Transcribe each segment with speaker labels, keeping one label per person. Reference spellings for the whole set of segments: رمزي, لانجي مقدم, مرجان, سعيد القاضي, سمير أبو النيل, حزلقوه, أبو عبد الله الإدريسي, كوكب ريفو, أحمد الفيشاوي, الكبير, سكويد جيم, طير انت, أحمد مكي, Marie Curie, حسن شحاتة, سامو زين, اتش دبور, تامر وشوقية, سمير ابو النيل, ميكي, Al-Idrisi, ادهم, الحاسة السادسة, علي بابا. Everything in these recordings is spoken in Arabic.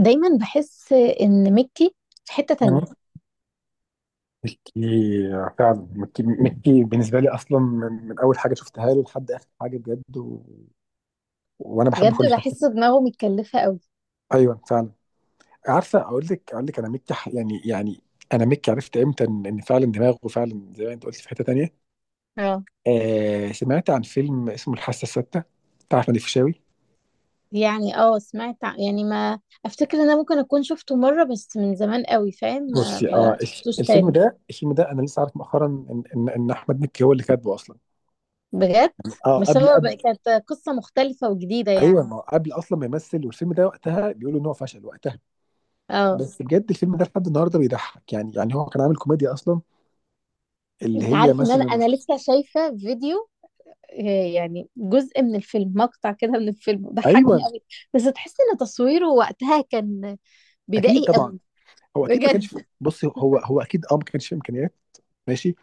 Speaker 1: دايما بحس ان ميكي في حتة
Speaker 2: يعني
Speaker 1: تانية
Speaker 2: مكي فعلا، مكي بالنسبه لي اصلا، من اول حاجه شفتها له لحد اخر حاجه بجد وانا بحب
Speaker 1: بجد.
Speaker 2: كل حاجه.
Speaker 1: بحس دماغه متكلفة قوي.
Speaker 2: ايوه فعلا. عارفه، اقول لك انا مكي ح- يعني يعني انا مكي عرفت امتى إن فعلا دماغه فعلا زي ما انت قلت في حته تانيه.
Speaker 1: اه.
Speaker 2: آه، سمعت عن فيلم اسمه الحاسه السادسه، بتاع احمد الفيشاوي.
Speaker 1: يعني ما افتكر ان انا ممكن اكون شفته مرة بس من زمان قوي، فاهم، ما
Speaker 2: بصي،
Speaker 1: ما شفتوش
Speaker 2: الفيلم
Speaker 1: تاني.
Speaker 2: ده، انا لسه عارف مؤخرا إن احمد مكي هو اللي كاتبه اصلا.
Speaker 1: بجد.
Speaker 2: اه،
Speaker 1: بس
Speaker 2: قبل.
Speaker 1: كانت قصة مختلفة وجديدة
Speaker 2: ايوه،
Speaker 1: يعني.
Speaker 2: ما هو قبل اصلا ما يمثل، والفيلم ده وقتها بيقولوا ان هو فشل وقتها.
Speaker 1: اه.
Speaker 2: بس بجد الفيلم ده لحد النهارده بيضحك. يعني هو كان عامل كوميديا اصلا، اللي
Speaker 1: انت
Speaker 2: هي
Speaker 1: عارف ان انا
Speaker 2: مثلا.
Speaker 1: انا لسه شايفة فيديو، يعني جزء من الفيلم، مقطع كده من الفيلم
Speaker 2: ايوه،
Speaker 1: ضحكني قوي. بس تحس ان تصويره وقتها كان
Speaker 2: اكيد
Speaker 1: بدائي
Speaker 2: طبعا.
Speaker 1: قوي.
Speaker 2: هو اكيد ما كانش،
Speaker 1: بجد.
Speaker 2: بص، هو اكيد، ما كانش فيه امكانيات. ماشي.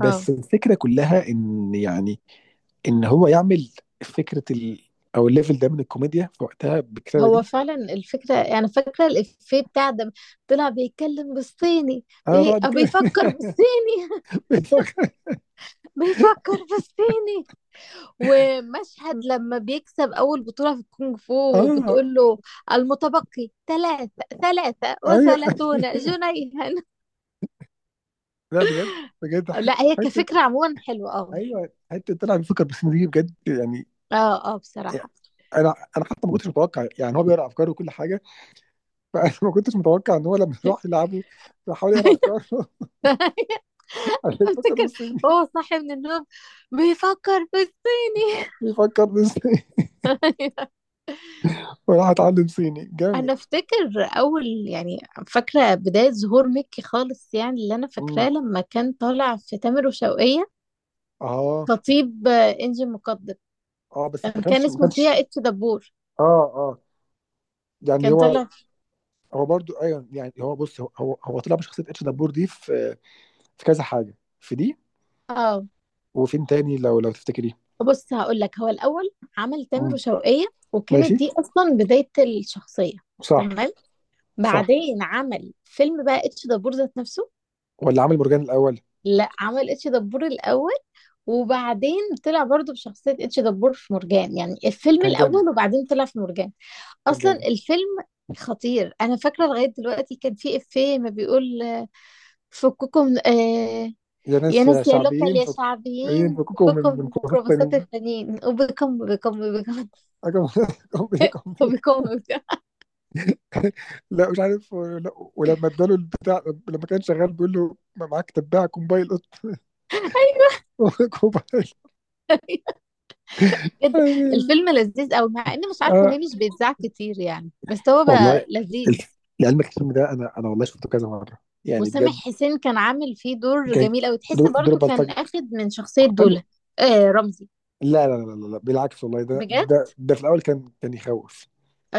Speaker 1: اه.
Speaker 2: الفكره كلها ان، يعني، ان هو يعمل فكره، او الليفل ده من الكوميديا في وقتها، بالكتابه
Speaker 1: هو
Speaker 2: دي.
Speaker 1: فعلا الفكرة، يعني فاكرة الإفيه بتاع ده، طلع بيتكلم بالصيني.
Speaker 2: انا طبعا
Speaker 1: أو
Speaker 2: بتكلم
Speaker 1: بيفكر بالصيني.
Speaker 2: بتفكر.
Speaker 1: بيفكر بالصيني. ومشهد لما بيكسب أول بطولة في الكونغ فو
Speaker 2: اه
Speaker 1: وبتقول له المتبقي ثلاثة
Speaker 2: ايوه
Speaker 1: وثلاثون جنيها.
Speaker 2: لا بجد. بجد
Speaker 1: لا،
Speaker 2: حته
Speaker 1: هي
Speaker 2: حته.
Speaker 1: كفكرة عموما حلوة. اه.
Speaker 2: ايوه، حته طلع بيفكر، بس دي بجد يعني.
Speaker 1: اه اه، بصراحة.
Speaker 2: انا انا حتى ما كنتش متوقع، يعني هو بيقرا افكاره وكل حاجه. فانا ما كنتش متوقع ان هو لما راح يلعبه بيحاول يقرا افكاره. انا بيفكر
Speaker 1: افتكر
Speaker 2: بالصيني.
Speaker 1: هو صاحي من النوم بيفكر بالصيني.
Speaker 2: بيفكر بالصيني. وراح اتعلم صيني جامد.
Speaker 1: انا افتكر اول، يعني فاكره بدايه ظهور ميكي خالص، يعني اللي انا فاكراه
Speaker 2: امم.
Speaker 1: لما كان طالع في تامر وشوقية،
Speaker 2: اه
Speaker 1: خطيب انجي مقدم.
Speaker 2: اه، بس
Speaker 1: كان
Speaker 2: ما
Speaker 1: اسمه فيها
Speaker 2: كانش.
Speaker 1: اتش دبور.
Speaker 2: اه اه، يعني
Speaker 1: كان طالع في-
Speaker 2: هو برضو. ايوه يعني هو، بص، هو طلع بشخصيه اتش دبور دي في، كذا حاجه، في دي.
Speaker 1: اه،
Speaker 2: وفين تاني، لو تفتكريه.
Speaker 1: بص هقول لك، هو الاول عمل تامر
Speaker 2: امم.
Speaker 1: وشوقية، وكانت
Speaker 2: ماشي.
Speaker 1: دي اصلا بدايه الشخصيه.
Speaker 2: صح.
Speaker 1: تمام.
Speaker 2: صح.
Speaker 1: بعدين عمل فيلم بقى اتش دبور ذات نفسه.
Speaker 2: ولا عامل مرجان الاول؟
Speaker 1: لا، عمل اتش دبور الاول، وبعدين طلع برضه بشخصيه اتش دبور في مرجان، يعني الفيلم
Speaker 2: كان جامد،
Speaker 1: الاول، وبعدين طلع في مرجان.
Speaker 2: كان
Speaker 1: اصلا
Speaker 2: جامد.
Speaker 1: الفيلم خطير، انا فاكره لغايه دلوقتي. كان في افيه ما بيقول: آه، فككم، آه
Speaker 2: يا
Speaker 1: يا
Speaker 2: ناس يا
Speaker 1: ناس، يا لوكال،
Speaker 2: شعبيين،
Speaker 1: يا شعبيين،
Speaker 2: ينفكوكوا
Speaker 1: فككم
Speaker 2: من
Speaker 1: من
Speaker 2: كرافات
Speaker 1: ميكروباصات
Speaker 2: تانيين.
Speaker 1: التانيين، وبكم وبكم وبكم.
Speaker 2: أجمل لكم
Speaker 1: وبكم
Speaker 2: لكم.
Speaker 1: وبكم.
Speaker 2: لا مش عارف، لا. ولما اداله البتاع، لما كان شغال بيقول له: ما معاك تباع كومبايل قط؟ كومبايل.
Speaker 1: بجد الفيلم لذيذ قوي، مع اني مش عارفه
Speaker 2: آه.
Speaker 1: ليه مش بيتذاع كتير يعني، بس هو بقى
Speaker 2: والله
Speaker 1: لذيذ.
Speaker 2: لعلمك الفيلم ده، انا والله شفته كذا مره، يعني
Speaker 1: وسامح
Speaker 2: بجد.
Speaker 1: حسين كان عامل فيه دور
Speaker 2: جاي
Speaker 1: جميل قوي، تحس
Speaker 2: دور
Speaker 1: برضو كان
Speaker 2: بلطجي
Speaker 1: اخد من شخصيه
Speaker 2: مختلف.
Speaker 1: دولا. آه رمزي.
Speaker 2: لا لا لا لا لا، بالعكس والله،
Speaker 1: بجد.
Speaker 2: ده في الاول كان يخوف.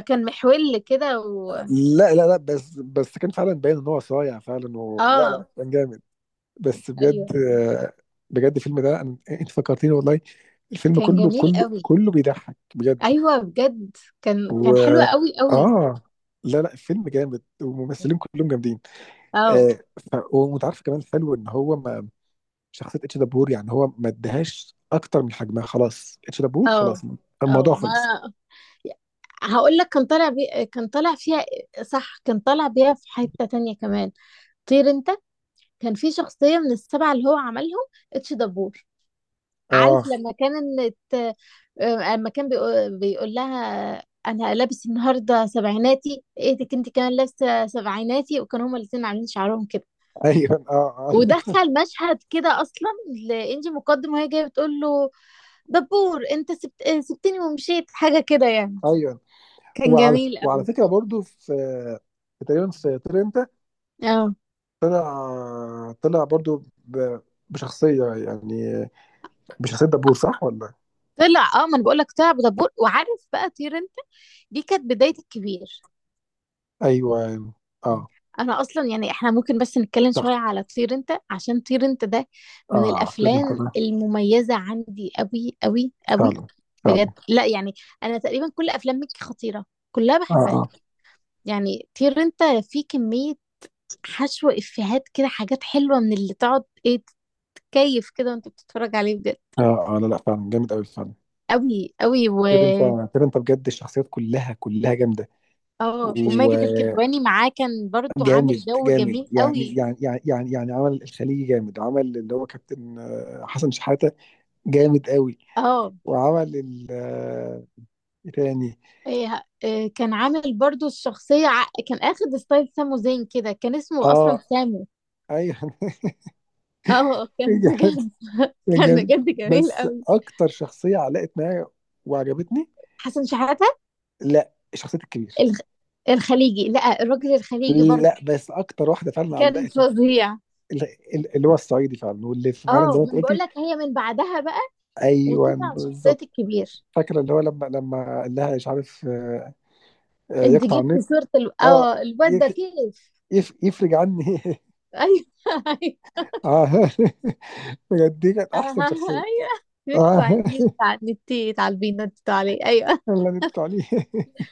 Speaker 1: كان محول كده.
Speaker 2: لا لا لا، بس كان فعلا باين ان هو صايع فعلا لا
Speaker 1: اه.
Speaker 2: لا، كان جامد. بس بجد.
Speaker 1: ايوه،
Speaker 2: بجد الفيلم ده، انت فكرتيني والله. الفيلم
Speaker 1: كان
Speaker 2: كله
Speaker 1: جميل
Speaker 2: كله
Speaker 1: قوي.
Speaker 2: كله بيضحك بجد.
Speaker 1: ايوه بجد، كان
Speaker 2: و
Speaker 1: كان حلو قوي قوي.
Speaker 2: اه لا لا، الفيلم جامد،
Speaker 1: مم.
Speaker 2: والممثلين كلهم جامدين.
Speaker 1: اه.
Speaker 2: آه. وانت عارف كمان حلو ان هو ما شخصيه اتش دبور، يعني هو ما ادهاش اكتر من حجمها. خلاص اتش دبور
Speaker 1: اه
Speaker 2: خلاص،
Speaker 1: اه،
Speaker 2: الموضوع
Speaker 1: ما
Speaker 2: خلص.
Speaker 1: هقول لك، كان طالع فيها، صح، كان طالع بيها في حتة تانية كمان، طير انت. كان في شخصية من السبعة اللي هو عملهم، اتش دبور. عارف
Speaker 2: اه.
Speaker 1: لما كان لما كان بيقول لها انا لابس النهارده سبعيناتي، ايه دي كنت كمان لابسه سبعيناتي، وكانوا هما الاتنين عاملين شعرهم كده.
Speaker 2: ايوه. اه اه
Speaker 1: ودخل مشهد كده اصلا لانجي مقدم، وهي جايه بتقول له: دبور انت سبتني ومشيت، حاجة كده يعني.
Speaker 2: ايوه.
Speaker 1: كان جميل
Speaker 2: وعلى
Speaker 1: قوي.
Speaker 2: فكره، برضو في، تقريبا، في طير انت،
Speaker 1: اه،
Speaker 2: طلع برضو بشخصية، دبور، صح ولا؟
Speaker 1: طلع، ما انا بقول لك، طلع بدبور، وعارف بقى طير انت دي كانت بداية الكبير.
Speaker 2: أيوه أيوه، أه
Speaker 1: انا اصلا يعني احنا ممكن بس نتكلم شوية
Speaker 2: صح،
Speaker 1: على طير انت، عشان طير انت ده من
Speaker 2: أه. كده أنت
Speaker 1: الافلام المميزة عندي قوي قوي قوي.
Speaker 2: فعلا،
Speaker 1: بجد،
Speaker 2: فعلا.
Speaker 1: لا يعني. انا تقريبا كل افلام مكي خطيرة، كلها
Speaker 2: أه
Speaker 1: بحبها.
Speaker 2: أه
Speaker 1: يعني طير انت في كمية حشو افيهات كده، حاجات حلوة، من اللي تقعد ايه، تتكيف كده وانت بتتفرج عليه، بجد
Speaker 2: أه أه. لا لا، فعلا جامد أوي، فعلا.
Speaker 1: قوي قوي و
Speaker 2: كده أنت، كده أنت بجد الشخصيات كلها كلها جامدة.
Speaker 1: اه وماجد
Speaker 2: وجامد،
Speaker 1: الكدواني معاه كان برضو
Speaker 2: جامد.
Speaker 1: عامل جو جميل قوي.
Speaker 2: يعني عمل الخليجي جامد، عمل اللي هو كابتن، آه، حسن شحاتة. جامد أوي.
Speaker 1: اه.
Speaker 2: وعمل ال آه، إيه تاني.
Speaker 1: إيه كان عامل برضو الشخصية، كان اخد ستايل سامو زين كده، كان اسمه اصلا
Speaker 2: أه.
Speaker 1: سامو.
Speaker 2: أيوه
Speaker 1: اه، كان بجد
Speaker 2: كان
Speaker 1: كان
Speaker 2: جامد.
Speaker 1: بجد جميل
Speaker 2: بس
Speaker 1: قوي.
Speaker 2: اكتر شخصيه علقت معايا وعجبتني.
Speaker 1: حسن شحاتة.
Speaker 2: لا، شخصيه الكبير.
Speaker 1: الخ... الخليجي، لا الراجل الخليجي
Speaker 2: لا،
Speaker 1: برضو
Speaker 2: بس اكتر واحده فعلا
Speaker 1: كان
Speaker 2: علقت معايا،
Speaker 1: فظيع.
Speaker 2: اللي هو الصعيدي فعلا، واللي فعلا
Speaker 1: اه،
Speaker 2: زي ما انت
Speaker 1: من بقول
Speaker 2: قلتي.
Speaker 1: لك، هي من بعدها بقى
Speaker 2: ايوه
Speaker 1: وطلع شخصية
Speaker 2: بالظبط.
Speaker 1: الكبير.
Speaker 2: فاكره اللي هو، لما قال لها: مش عارف، آه،
Speaker 1: انت
Speaker 2: يقطع
Speaker 1: جبت
Speaker 2: النت.
Speaker 1: صورة ال...
Speaker 2: اه.
Speaker 1: اه الواد ده،
Speaker 2: يف
Speaker 1: كيف.
Speaker 2: يف يفرج عني
Speaker 1: ايوه.
Speaker 2: اه بجد، دي كانت احسن
Speaker 1: اها،
Speaker 2: شخصيه.
Speaker 1: ايوه.
Speaker 2: اه
Speaker 1: يقطع النت، على النت يتعالبي ينطط عليه، ايوه.
Speaker 2: اللي نتكلم عليه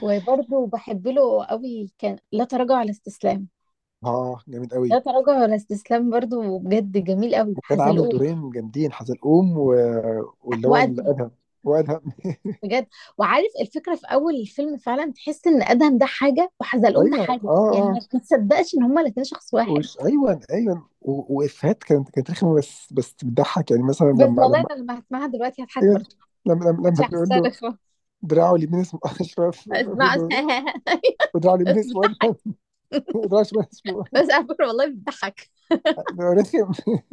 Speaker 1: وبرضه بحب له قوي، كان لا تراجع ولا استسلام.
Speaker 2: اه جامد قوي.
Speaker 1: لا تراجع ولا استسلام برضه بجد جميل قوي.
Speaker 2: كان عامل
Speaker 1: حزلقوه
Speaker 2: دورين جامدين: حزلقوم، واللي هو
Speaker 1: وادهم.
Speaker 2: الادهم، وادهم.
Speaker 1: بجد. وعارف، الفكره في اول الفيلم فعلا تحس ان ادهم ده حاجه وحزلقوم ده
Speaker 2: ايوه،
Speaker 1: حاجه،
Speaker 2: اه
Speaker 1: يعني
Speaker 2: اه.
Speaker 1: ما تصدقش ان هما الاثنين شخص واحد.
Speaker 2: ايوه ايوه، وافيهات، كانت رخمه، بس بتضحك، يعني مثلا،
Speaker 1: بس والله
Speaker 2: لما.
Speaker 1: انا لما هسمعها دلوقتي هضحك
Speaker 2: ايوه.
Speaker 1: برضه. مش
Speaker 2: لما بيقول
Speaker 1: هسترخ،
Speaker 2: له:
Speaker 1: اسمع.
Speaker 2: دراعه اليمين اسمه اشرف. بيقول له: ودراعه اليمين
Speaker 1: بس
Speaker 2: اسمه ادهم.
Speaker 1: بتضحك،
Speaker 2: ودراعه الشمال اسمه رخم.
Speaker 1: بس على فكره والله بتضحك.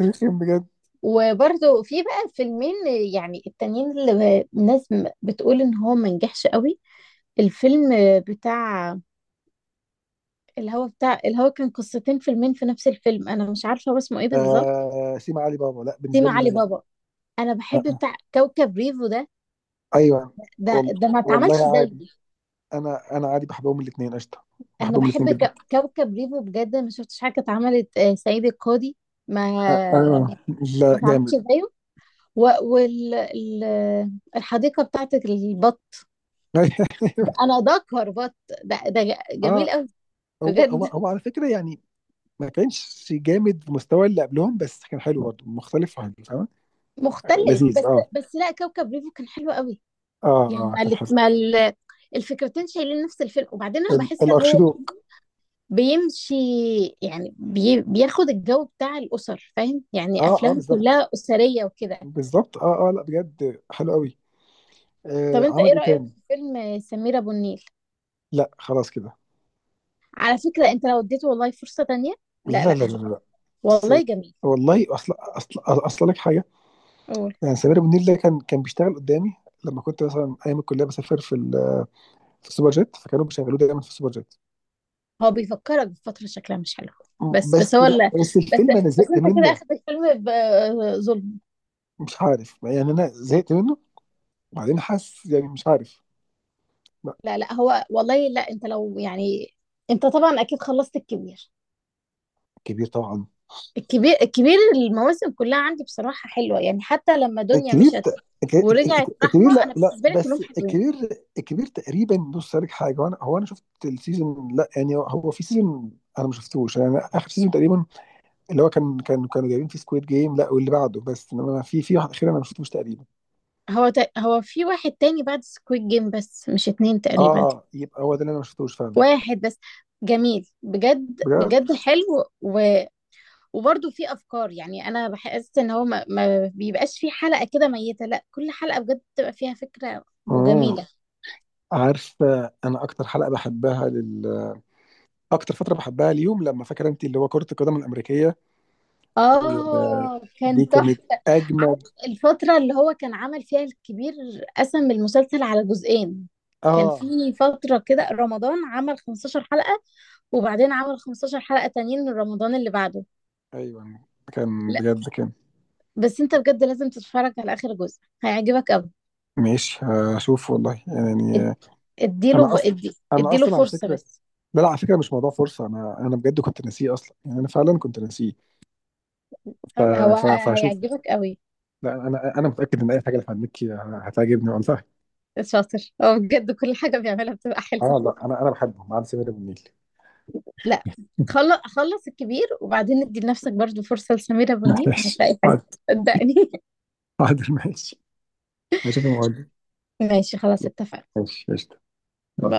Speaker 2: رخم بجد.
Speaker 1: وبرضه في بقى فيلمين، يعني التانيين اللي الناس بتقول ان هو ما نجحش قوي، الفيلم بتاع بتاع الهوا كان قصتين فيلمين في نفس الفيلم، انا مش عارفه هو اسمه ايه بالظبط.
Speaker 2: آه، سيما علي بابا، لا بالنسبه
Speaker 1: سيما
Speaker 2: لي
Speaker 1: علي
Speaker 2: نجح.
Speaker 1: بابا. انا بحب
Speaker 2: آه. آه.
Speaker 1: بتاع كوكب ريفو ده.
Speaker 2: ايوه.
Speaker 1: ده
Speaker 2: وال...
Speaker 1: ده ما اتعملش
Speaker 2: والله عادي،
Speaker 1: زيي.
Speaker 2: انا عادي بحبهم الاثنين، قشطه.
Speaker 1: انا
Speaker 2: بحبهم الاثنين
Speaker 1: بحب
Speaker 2: جدا.
Speaker 1: كوكب ريفو، بجد ما شفتش حاجه اتعملت، سعيد القاضي. ما
Speaker 2: اه لا،
Speaker 1: ما اتعملش
Speaker 2: جامد.
Speaker 1: زيه. والحديقه بتاعت البط،
Speaker 2: أيوه.
Speaker 1: انا ده كربط، ده
Speaker 2: اه.
Speaker 1: جميل قوي. بجد
Speaker 2: هو على فكره يعني ما كانش جامد في مستوى اللي قبلهم، بس كان حلو برضه، مختلف وحلو فاهم.
Speaker 1: مختلف.
Speaker 2: لذيذ.
Speaker 1: بس
Speaker 2: اه.
Speaker 1: بس لا، كوكب ريفو كان حلو قوي.
Speaker 2: اه
Speaker 1: يعني
Speaker 2: اه
Speaker 1: ما,
Speaker 2: كان
Speaker 1: ال-
Speaker 2: حلو.
Speaker 1: ما ال- الفكرتين شايلين نفس الفيلم، وبعدين انا بحس هو برضه
Speaker 2: الاخشدوك.
Speaker 1: بيمشي، يعني بياخد الجو بتاع الاسر، فاهم، يعني
Speaker 2: اه اه
Speaker 1: افلام
Speaker 2: بالظبط.
Speaker 1: كلها اسريه وكده.
Speaker 2: بالظبط، اه اه. لا بجد، حلو قوي.
Speaker 1: طب
Speaker 2: آه.
Speaker 1: انت
Speaker 2: عمل
Speaker 1: ايه
Speaker 2: ايه
Speaker 1: رايك
Speaker 2: تاني؟
Speaker 1: في فيلم سمير ابو النيل؟
Speaker 2: لا خلاص كده.
Speaker 1: على فكره انت لو اديته والله فرصه تانية. لا
Speaker 2: لا
Speaker 1: لا،
Speaker 2: لا لا لا. بس
Speaker 1: والله جميل.
Speaker 2: والله اصلا اصلا اصلا لك حاجه.
Speaker 1: قول.
Speaker 2: يعني سمير ابو النيل ده كان بيشتغل قدامي لما كنت مثلا ايام الكليه بسافر في في السوبر جيت، فكانوا بيشغلوه دايما في السوبر جيت.
Speaker 1: هو بيفكرك بفترة شكلها مش حلو.
Speaker 2: م-
Speaker 1: بس
Speaker 2: بس
Speaker 1: هو
Speaker 2: لا، بس
Speaker 1: بس
Speaker 2: الفيلم انا
Speaker 1: بس
Speaker 2: زهقت
Speaker 1: انت كده
Speaker 2: منه.
Speaker 1: اخد الفيلم بظلم.
Speaker 2: مش عارف، يعني انا زهقت منه. وبعدين حاسس، يعني مش عارف. لا.
Speaker 1: لا لا، هو والله، لا انت لو يعني. انت طبعا اكيد خلصت الكبير.
Speaker 2: الكبير طبعا.
Speaker 1: الكبير المواسم كلها عندي بصراحة حلوة، يعني حتى لما دنيا
Speaker 2: الكبير،
Speaker 1: مشت ورجعت
Speaker 2: الكبير.
Speaker 1: رحمة،
Speaker 2: لا
Speaker 1: انا
Speaker 2: لا،
Speaker 1: بالنسبة لي كلهم
Speaker 2: بس
Speaker 1: حلوين.
Speaker 2: الكبير. الكبير تقريبا، بص لك حاجه، هو انا شفت السيزون، لا يعني هو في سيزون انا ما شفتوش، يعني اخر سيزون تقريبا، اللي هو كانوا جايبين فيه سكويد جيم. لا، واللي بعده، بس انما في، واحد اخير انا ما شفتوش تقريبا.
Speaker 1: هو في واحد تاني بعد سكويد جيم، بس مش اتنين تقريبا.
Speaker 2: اه، يبقى هو ده اللي انا ما شفتوش فعلا.
Speaker 1: واحد بس، جميل بجد
Speaker 2: بجد.
Speaker 1: بجد حلو. و... وبرضه في افكار، يعني انا بحس ان هو ما بيبقاش في حلقه كده ميته، لا كل حلقه بجد بتبقى فيها فكره
Speaker 2: امم.
Speaker 1: وجميله.
Speaker 2: عارف، انا اكتر حلقه بحبها لل اكتر فتره بحبها اليوم، لما، فاكر انت، اللي هو كره القدم الامريكيه.
Speaker 1: اه
Speaker 2: دي
Speaker 1: كان
Speaker 2: كانت
Speaker 1: تحفه.
Speaker 2: اجمد.
Speaker 1: عارف الفتره اللي هو كان عمل فيها الكبير، قسم المسلسل على جزئين، كان
Speaker 2: اه.
Speaker 1: في فتره كده رمضان عمل 15 حلقه، وبعدين عمل 15 حلقه تانيين من رمضان اللي بعده.
Speaker 2: ايوه كان
Speaker 1: لا
Speaker 2: بجد، كان.
Speaker 1: بس انت بجد لازم تتفرج على اخر جزء، هيعجبك قوي.
Speaker 2: ماشي، هشوف والله
Speaker 1: اد-
Speaker 2: يعني.
Speaker 1: اديله
Speaker 2: انا
Speaker 1: ب-
Speaker 2: اصلا
Speaker 1: ادي
Speaker 2: انا
Speaker 1: اديله
Speaker 2: اصلا على
Speaker 1: فرصه
Speaker 2: فكره،
Speaker 1: بس.
Speaker 2: لا لا، على فكره مش موضوع فرصه. انا بجد كنت ناسيه اصلا، يعني انا فعلا كنت ناسيه. ف...
Speaker 1: هو
Speaker 2: فهشوف.
Speaker 1: هيعجبك قوي.
Speaker 2: لا، انا متاكد ان اي حاجه اللي هنمكي هتعجبني والله.
Speaker 1: شاطر، هو بجد كل حاجة بيعملها بتبقى حلوة.
Speaker 2: اه لا، انا بحبه ما عدا سمير ابو النيل.
Speaker 1: لا، خلص خلص الكبير، وبعدين ادي لنفسك برضو فرصة لسمير أبو النيل،
Speaker 2: ماشي
Speaker 1: هتلاقي حاجة.
Speaker 2: حاضر.
Speaker 1: صدقني.
Speaker 2: حاضر ماشي. هشوف الموضوع.
Speaker 1: ماشي خلاص، اتفقنا.
Speaker 2: ماشي قشطه. باي.